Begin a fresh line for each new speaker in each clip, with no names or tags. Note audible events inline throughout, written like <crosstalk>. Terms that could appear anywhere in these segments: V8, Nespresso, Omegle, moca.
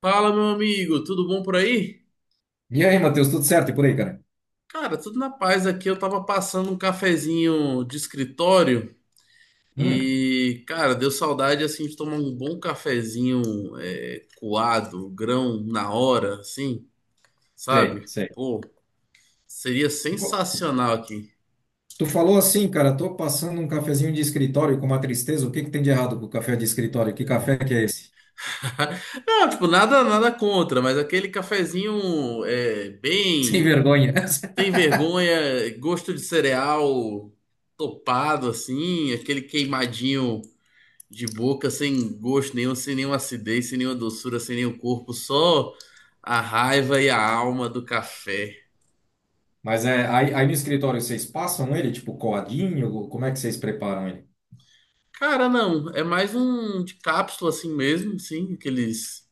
Fala, meu amigo, tudo bom por aí?
E aí, Matheus, tudo certo e por aí, cara?
Cara, tudo na paz aqui. Eu tava passando um cafezinho de escritório
Hum,
e, cara, deu saudade assim de tomar um bom cafezinho é, coado, grão na hora, assim,
sei,
sabe?
sei.
Pô, seria
Co-
sensacional aqui.
Tu falou assim, cara, tô passando um cafezinho de escritório com uma tristeza. O que que tem de errado com o café de escritório? Que café que é esse?
<laughs> Não, tipo, nada, nada contra, mas aquele cafezinho é
<laughs> Sem
bem
vergonha.
tem vergonha, gosto de cereal topado assim, aquele queimadinho. De boca, sem gosto nenhum, sem nenhuma acidez, sem nenhuma doçura, sem nenhum corpo, só a raiva e a alma do café.
<laughs> Mas é, aí no escritório vocês passam ele, tipo, coadinho? Como é que vocês preparam ele?
Cara, não, é mais um de cápsula assim mesmo, sim, aqueles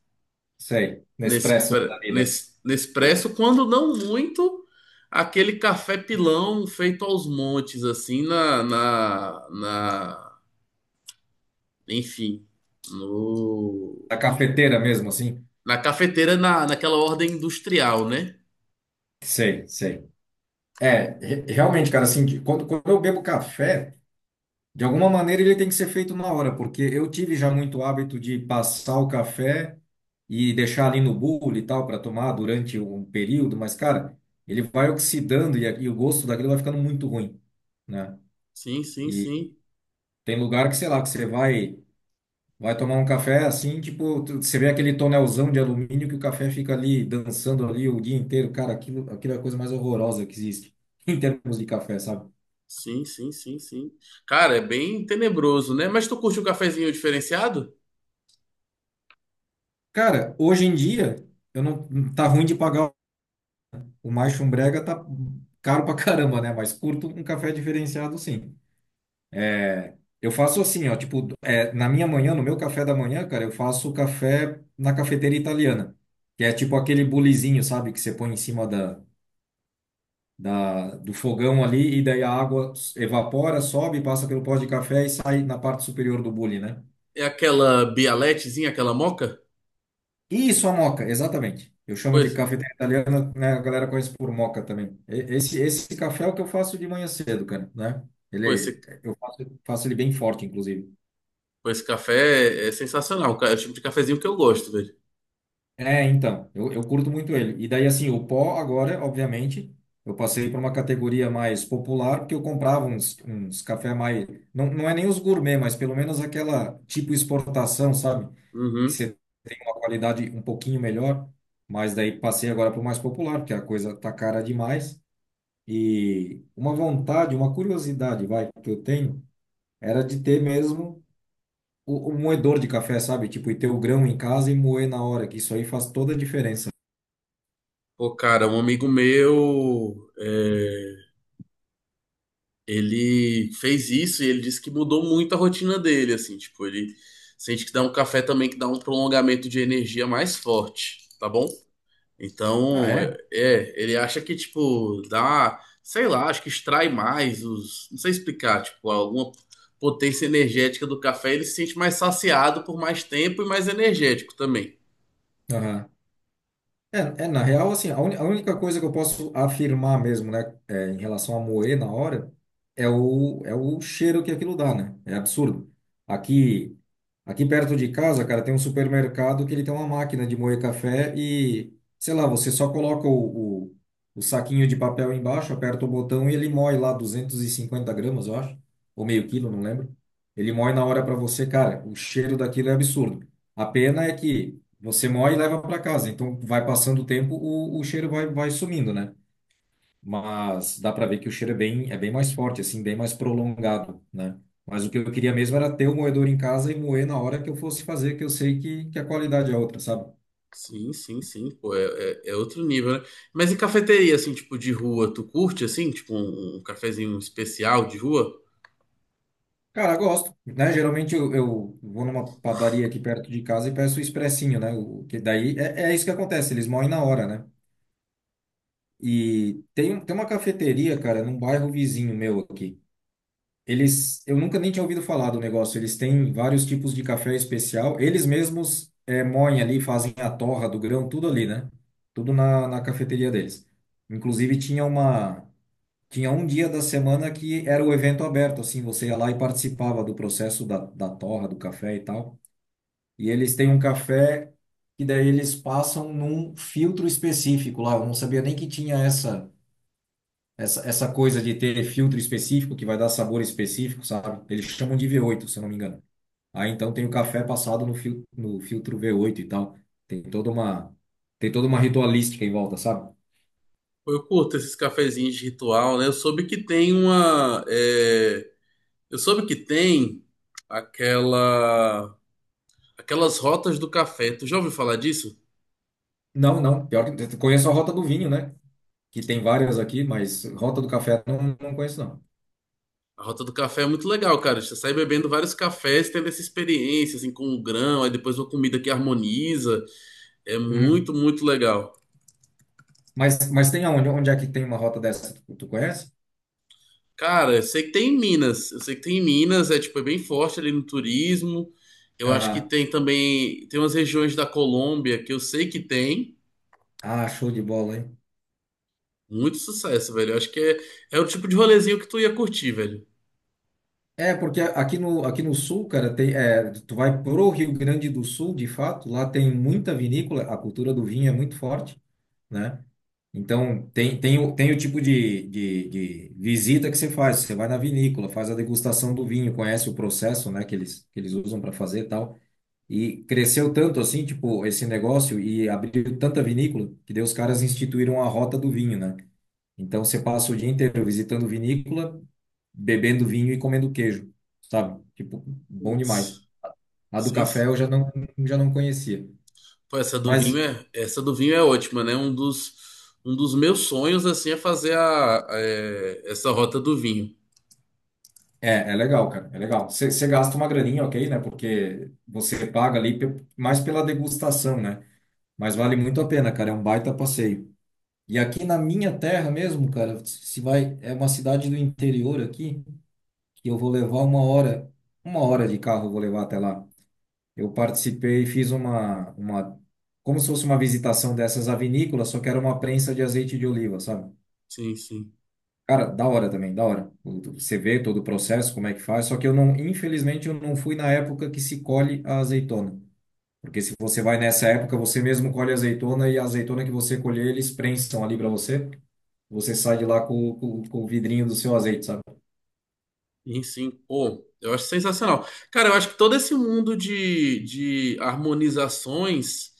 Sei, Nespresso da vida.
Nespresso, quando não muito, aquele café pilão feito aos montes, assim, enfim, no,
Da cafeteira mesmo, assim?
na cafeteira, naquela ordem industrial, né?
Sei, sei. É, realmente, cara, assim, quando eu bebo café. De alguma maneira ele tem que ser feito na hora, porque eu tive já muito hábito de passar o café e deixar ali no bule e tal para tomar durante um período, mas cara, ele vai oxidando e, e o gosto daquilo vai ficando muito ruim, né?
Sim, sim,
E
sim.
tem lugar que, sei lá, que você vai tomar um café assim, tipo, você vê aquele tonelzão de alumínio que o café fica ali dançando ali o dia inteiro, cara, aquilo é a coisa mais horrorosa que existe <laughs> em termos de café, sabe?
Sim, sim, sim, sim. Cara, é bem tenebroso, né? Mas tu curte um cafezinho diferenciado?
Cara, hoje em dia eu não tá ruim de pagar. O mais chumbrega tá caro pra caramba, né? Mas curto um café diferenciado, sim. É, eu faço assim, ó, tipo, é, na minha manhã, no meu café da manhã, cara, eu faço café na cafeteira italiana, que é tipo aquele bulizinho, sabe, que você põe em cima do fogão ali e daí a água evapora, sobe, passa pelo pó de café e sai na parte superior do bule, né?
É aquela bialetezinha, aquela moca?
Isso, a moca, exatamente. Eu chamo
Pois,
de cafeteira italiana, né? A galera conhece por moca também. Esse café é o que eu faço de manhã cedo, cara, né?
pois, esse,
Eu faço ele bem forte, inclusive.
pois, esse café é sensacional. É o tipo de cafezinho que eu gosto, velho.
É, então, eu curto muito ele. E daí, assim, o pó agora, obviamente, eu passei para uma categoria mais popular, porque eu comprava uns café mais... Não, não é nem os gourmet, mas pelo menos aquela tipo exportação, sabe? Que
Uhum.
você tem uma qualidade um pouquinho melhor. Mas daí passei agora para o mais popular, porque a coisa tá cara demais. E uma vontade, uma curiosidade, vai, que eu tenho, era de ter mesmo o moedor de café, sabe? Tipo, e ter o grão em casa e moer na hora, que isso aí faz toda a diferença.
Pô, cara, um amigo meu, é, ele fez isso e ele disse que mudou muito a rotina dele, assim, tipo, ele sente que dá um café também que dá um prolongamento de energia mais forte, tá bom?
Ah,
Então,
é?
é, ele acha que, tipo, dá, sei lá, acho que extrai mais os, não sei explicar, tipo, alguma potência energética do café, ele se sente mais saciado por mais tempo e mais energético também.
É, é, na real, assim, a única coisa que eu posso afirmar mesmo, né, é, em relação a moer na hora, é o cheiro que aquilo dá, né? É absurdo. Aqui, aqui perto de casa, cara, tem um supermercado que ele tem uma máquina de moer café e, sei lá, você só coloca o saquinho de papel embaixo, aperta o botão e ele moe lá 250 gramas, eu acho, ou meio quilo, não lembro. Ele moe na hora pra você, cara, o cheiro daquilo é absurdo. A pena é que você moe e leva para casa. Então, vai passando o tempo, o cheiro vai sumindo, né? Mas dá para ver que o cheiro é bem, mais forte, assim, bem mais prolongado, né? Mas o que eu queria mesmo era ter o moedor em casa e moer na hora que eu fosse fazer, que eu sei que a qualidade é outra, sabe?
Sim, sim, sim, pô, é outro nível, né? Mas e cafeteria, assim, tipo, de rua, tu curte, assim, tipo, um cafezinho especial de rua?
Cara, gosto, né? Geralmente eu vou numa padaria aqui perto de casa e peço o expressinho, né? Que daí é isso que acontece, eles moem na hora, né? E tem uma cafeteria, cara, num bairro vizinho meu aqui. Eu nunca nem tinha ouvido falar do negócio. Eles têm vários tipos de café especial. Eles mesmos moem ali, fazem a torra do grão, tudo ali, né? Tudo na cafeteria deles. Inclusive tinha um dia da semana que era o evento aberto, assim, você ia lá e participava do processo da torra do café e tal. E eles têm um café que daí eles passam num filtro específico lá. Eu não sabia nem que tinha essa essa coisa de ter filtro específico que vai dar sabor específico, sabe? Eles chamam de V8, se eu não me engano. Aí então tem o café passado no filtro V8 e tal. Tem toda uma, tem toda uma ritualística em volta, sabe?
Pô, eu curto esses cafezinhos de ritual, né? Eu soube que tem aquela Aquelas rotas do café. Tu já ouviu falar disso?
Não, não. Pior que eu conheço a Rota do Vinho, né? Que tem várias aqui, mas Rota do Café não, não conheço, não.
A rota do café é muito legal, cara. Você sai bebendo vários cafés, tendo essa experiência, assim, com o grão, aí depois uma comida que harmoniza. É muito,
Uhum.
muito legal.
Mas tem aonde? Onde é que tem uma rota dessa? Tu conhece?
Cara, eu sei que tem em Minas. Eu sei que tem em Minas, é tipo, é bem forte ali no turismo. Eu acho que
Ah,
tem também, tem umas regiões da Colômbia que eu sei que tem.
show de bola, hein?
Muito sucesso, velho. Eu acho que é o tipo de rolezinho que tu ia curtir, velho.
É, porque aqui no sul, cara, tu vai pro Rio Grande do Sul, de fato, lá tem muita vinícola, a cultura do vinho é muito forte, né? Então, tem o tipo de visita que você faz, você vai na vinícola, faz a degustação do vinho, conhece o processo, né, que eles usam para fazer e tal. E cresceu tanto assim, tipo, esse negócio e abriu tanta vinícola que daí os caras instituíram a rota do vinho, né? Então você passa o dia inteiro visitando vinícola, bebendo vinho e comendo queijo, sabe? Tipo, bom demais.
Putz,
A do
sem,
café eu já não conhecia.
pô,
Mas
essa do vinho é ótima, né? Um dos meus sonhos, assim, é fazer essa rota do vinho.
é, legal, cara, é legal. Você gasta uma graninha, ok, né? Porque você paga ali mais pela degustação, né? Mas vale muito a pena, cara, é um baita passeio. E aqui na minha terra mesmo, cara, se vai, é uma cidade do interior aqui, que eu vou levar uma hora de carro eu vou levar até lá. Eu participei e fiz como se fosse uma visitação dessas vinícolas, só que era uma prensa de azeite de oliva, sabe?
Sim, sim.
Cara, da hora também, da hora. Você vê todo o processo, como é que faz, só que eu não, infelizmente, eu não fui na época que se colhe a azeitona. Porque se você vai nessa época, você mesmo colhe a azeitona e a azeitona que você colher, eles prensam ali para você. Você sai de lá com, com o vidrinho do seu azeite, sabe?
Sim, sim. Pô, eu acho sensacional. Cara, eu acho que todo esse mundo de harmonizações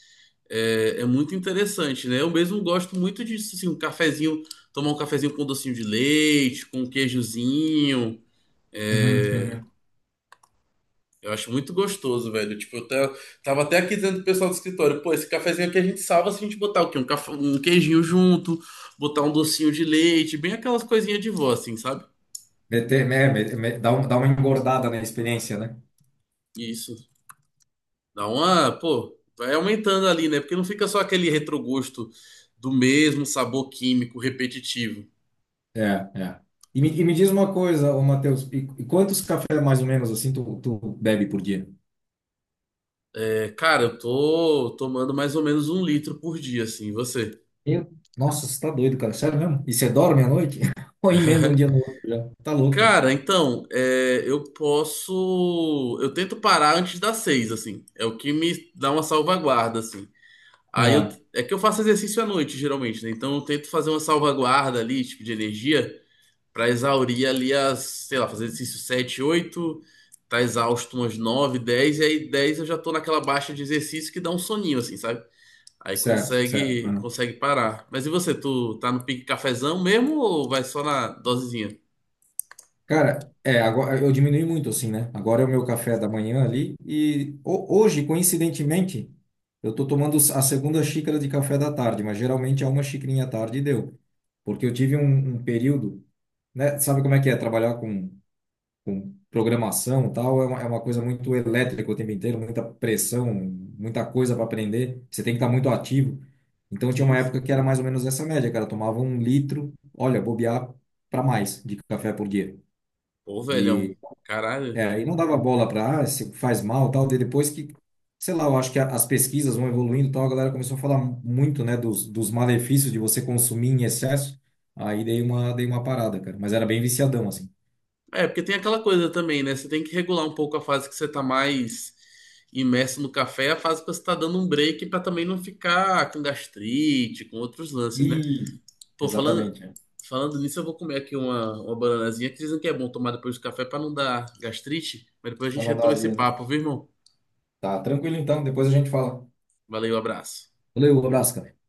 é muito interessante, né? Eu mesmo gosto muito disso, assim, um cafezinho, tomar um cafezinho com docinho de leite, com um queijozinho.
Uhum, uhum.
Eu acho muito gostoso, velho. Tipo, tava até aqui dizendo pro pessoal do escritório, pô, esse cafezinho aqui a gente salva se a gente botar o quê? Um, café, um queijinho junto, botar um docinho de leite, bem aquelas coisinhas de vó, assim, sabe?
Meter, né, dá uma engordada na experiência, né?
Isso. Dá uma, pô, vai aumentando ali, né? Porque não fica só aquele retrogosto do mesmo sabor químico repetitivo.
É, é. E me diz uma coisa, ô Matheus, e quantos cafés mais ou menos assim tu bebe por dia?
É, cara, eu tô tomando mais ou menos um litro por dia, assim, e você?
Eu? Nossa, você tá doido, cara, sério mesmo? E você dorme à noite? <laughs> Ou emenda um dia no outro já? Tá louco.
Cara, então, é, eu posso. Eu tento parar antes das 6, assim. É o que me dá uma salvaguarda, assim. Aí eu.
Aham.
É que eu faço exercício à noite, geralmente, né? Então eu tento fazer uma salvaguarda ali, tipo, de energia, pra exaurir ali as. Sei lá, fazer exercício 7, 8, tá exausto umas 9, 10, e aí 10 eu já tô naquela baixa de exercício que dá um soninho, assim, sabe? Aí
Certo,
consegue,
certo.
consegue parar. Mas e você, tu tá no pique cafezão mesmo ou vai só na dosezinha?
Cara, é, agora eu diminui muito assim, né? Agora é o meu café da manhã ali e hoje, coincidentemente, eu tô tomando a segunda xícara de café da tarde, mas geralmente é uma xicrinha à tarde e deu. Porque eu tive um período, né? Sabe como é que é trabalhar com programação e tal? É uma coisa muito elétrica o tempo inteiro, muita pressão, muita coisa para aprender. Você tem que estar muito ativo. Então tinha
Sim,
uma época
sim.
que era mais ou menos essa média, cara. Eu tomava 1 litro, olha, bobear para mais de café por dia.
Pô, velhão,
e
caralho.
e não dava bola para, ah, se faz mal, tal, de depois que, sei lá, eu acho que as pesquisas vão evoluindo, e tal, a galera começou a falar muito, né, dos malefícios de você consumir em excesso, aí dei uma parada, cara, mas era bem viciadão, assim.
É, porque tem aquela coisa também, né? Você tem que regular um pouco a fase que você tá mais imerso no café, e a fase que você tá dando um break pra também não ficar com gastrite, com outros lances, né?
Isso.
Pô, falando,
Exatamente, é.
falando nisso, eu vou comer aqui uma bananazinha que dizem que é bom tomar depois do café pra não dar gastrite, mas depois a
Pra
gente
não dar
retoma esse
azia, né?
papo, viu, irmão?
Tá, tranquilo então, depois a gente fala.
Valeu, abraço.
Valeu, um abraço, cara.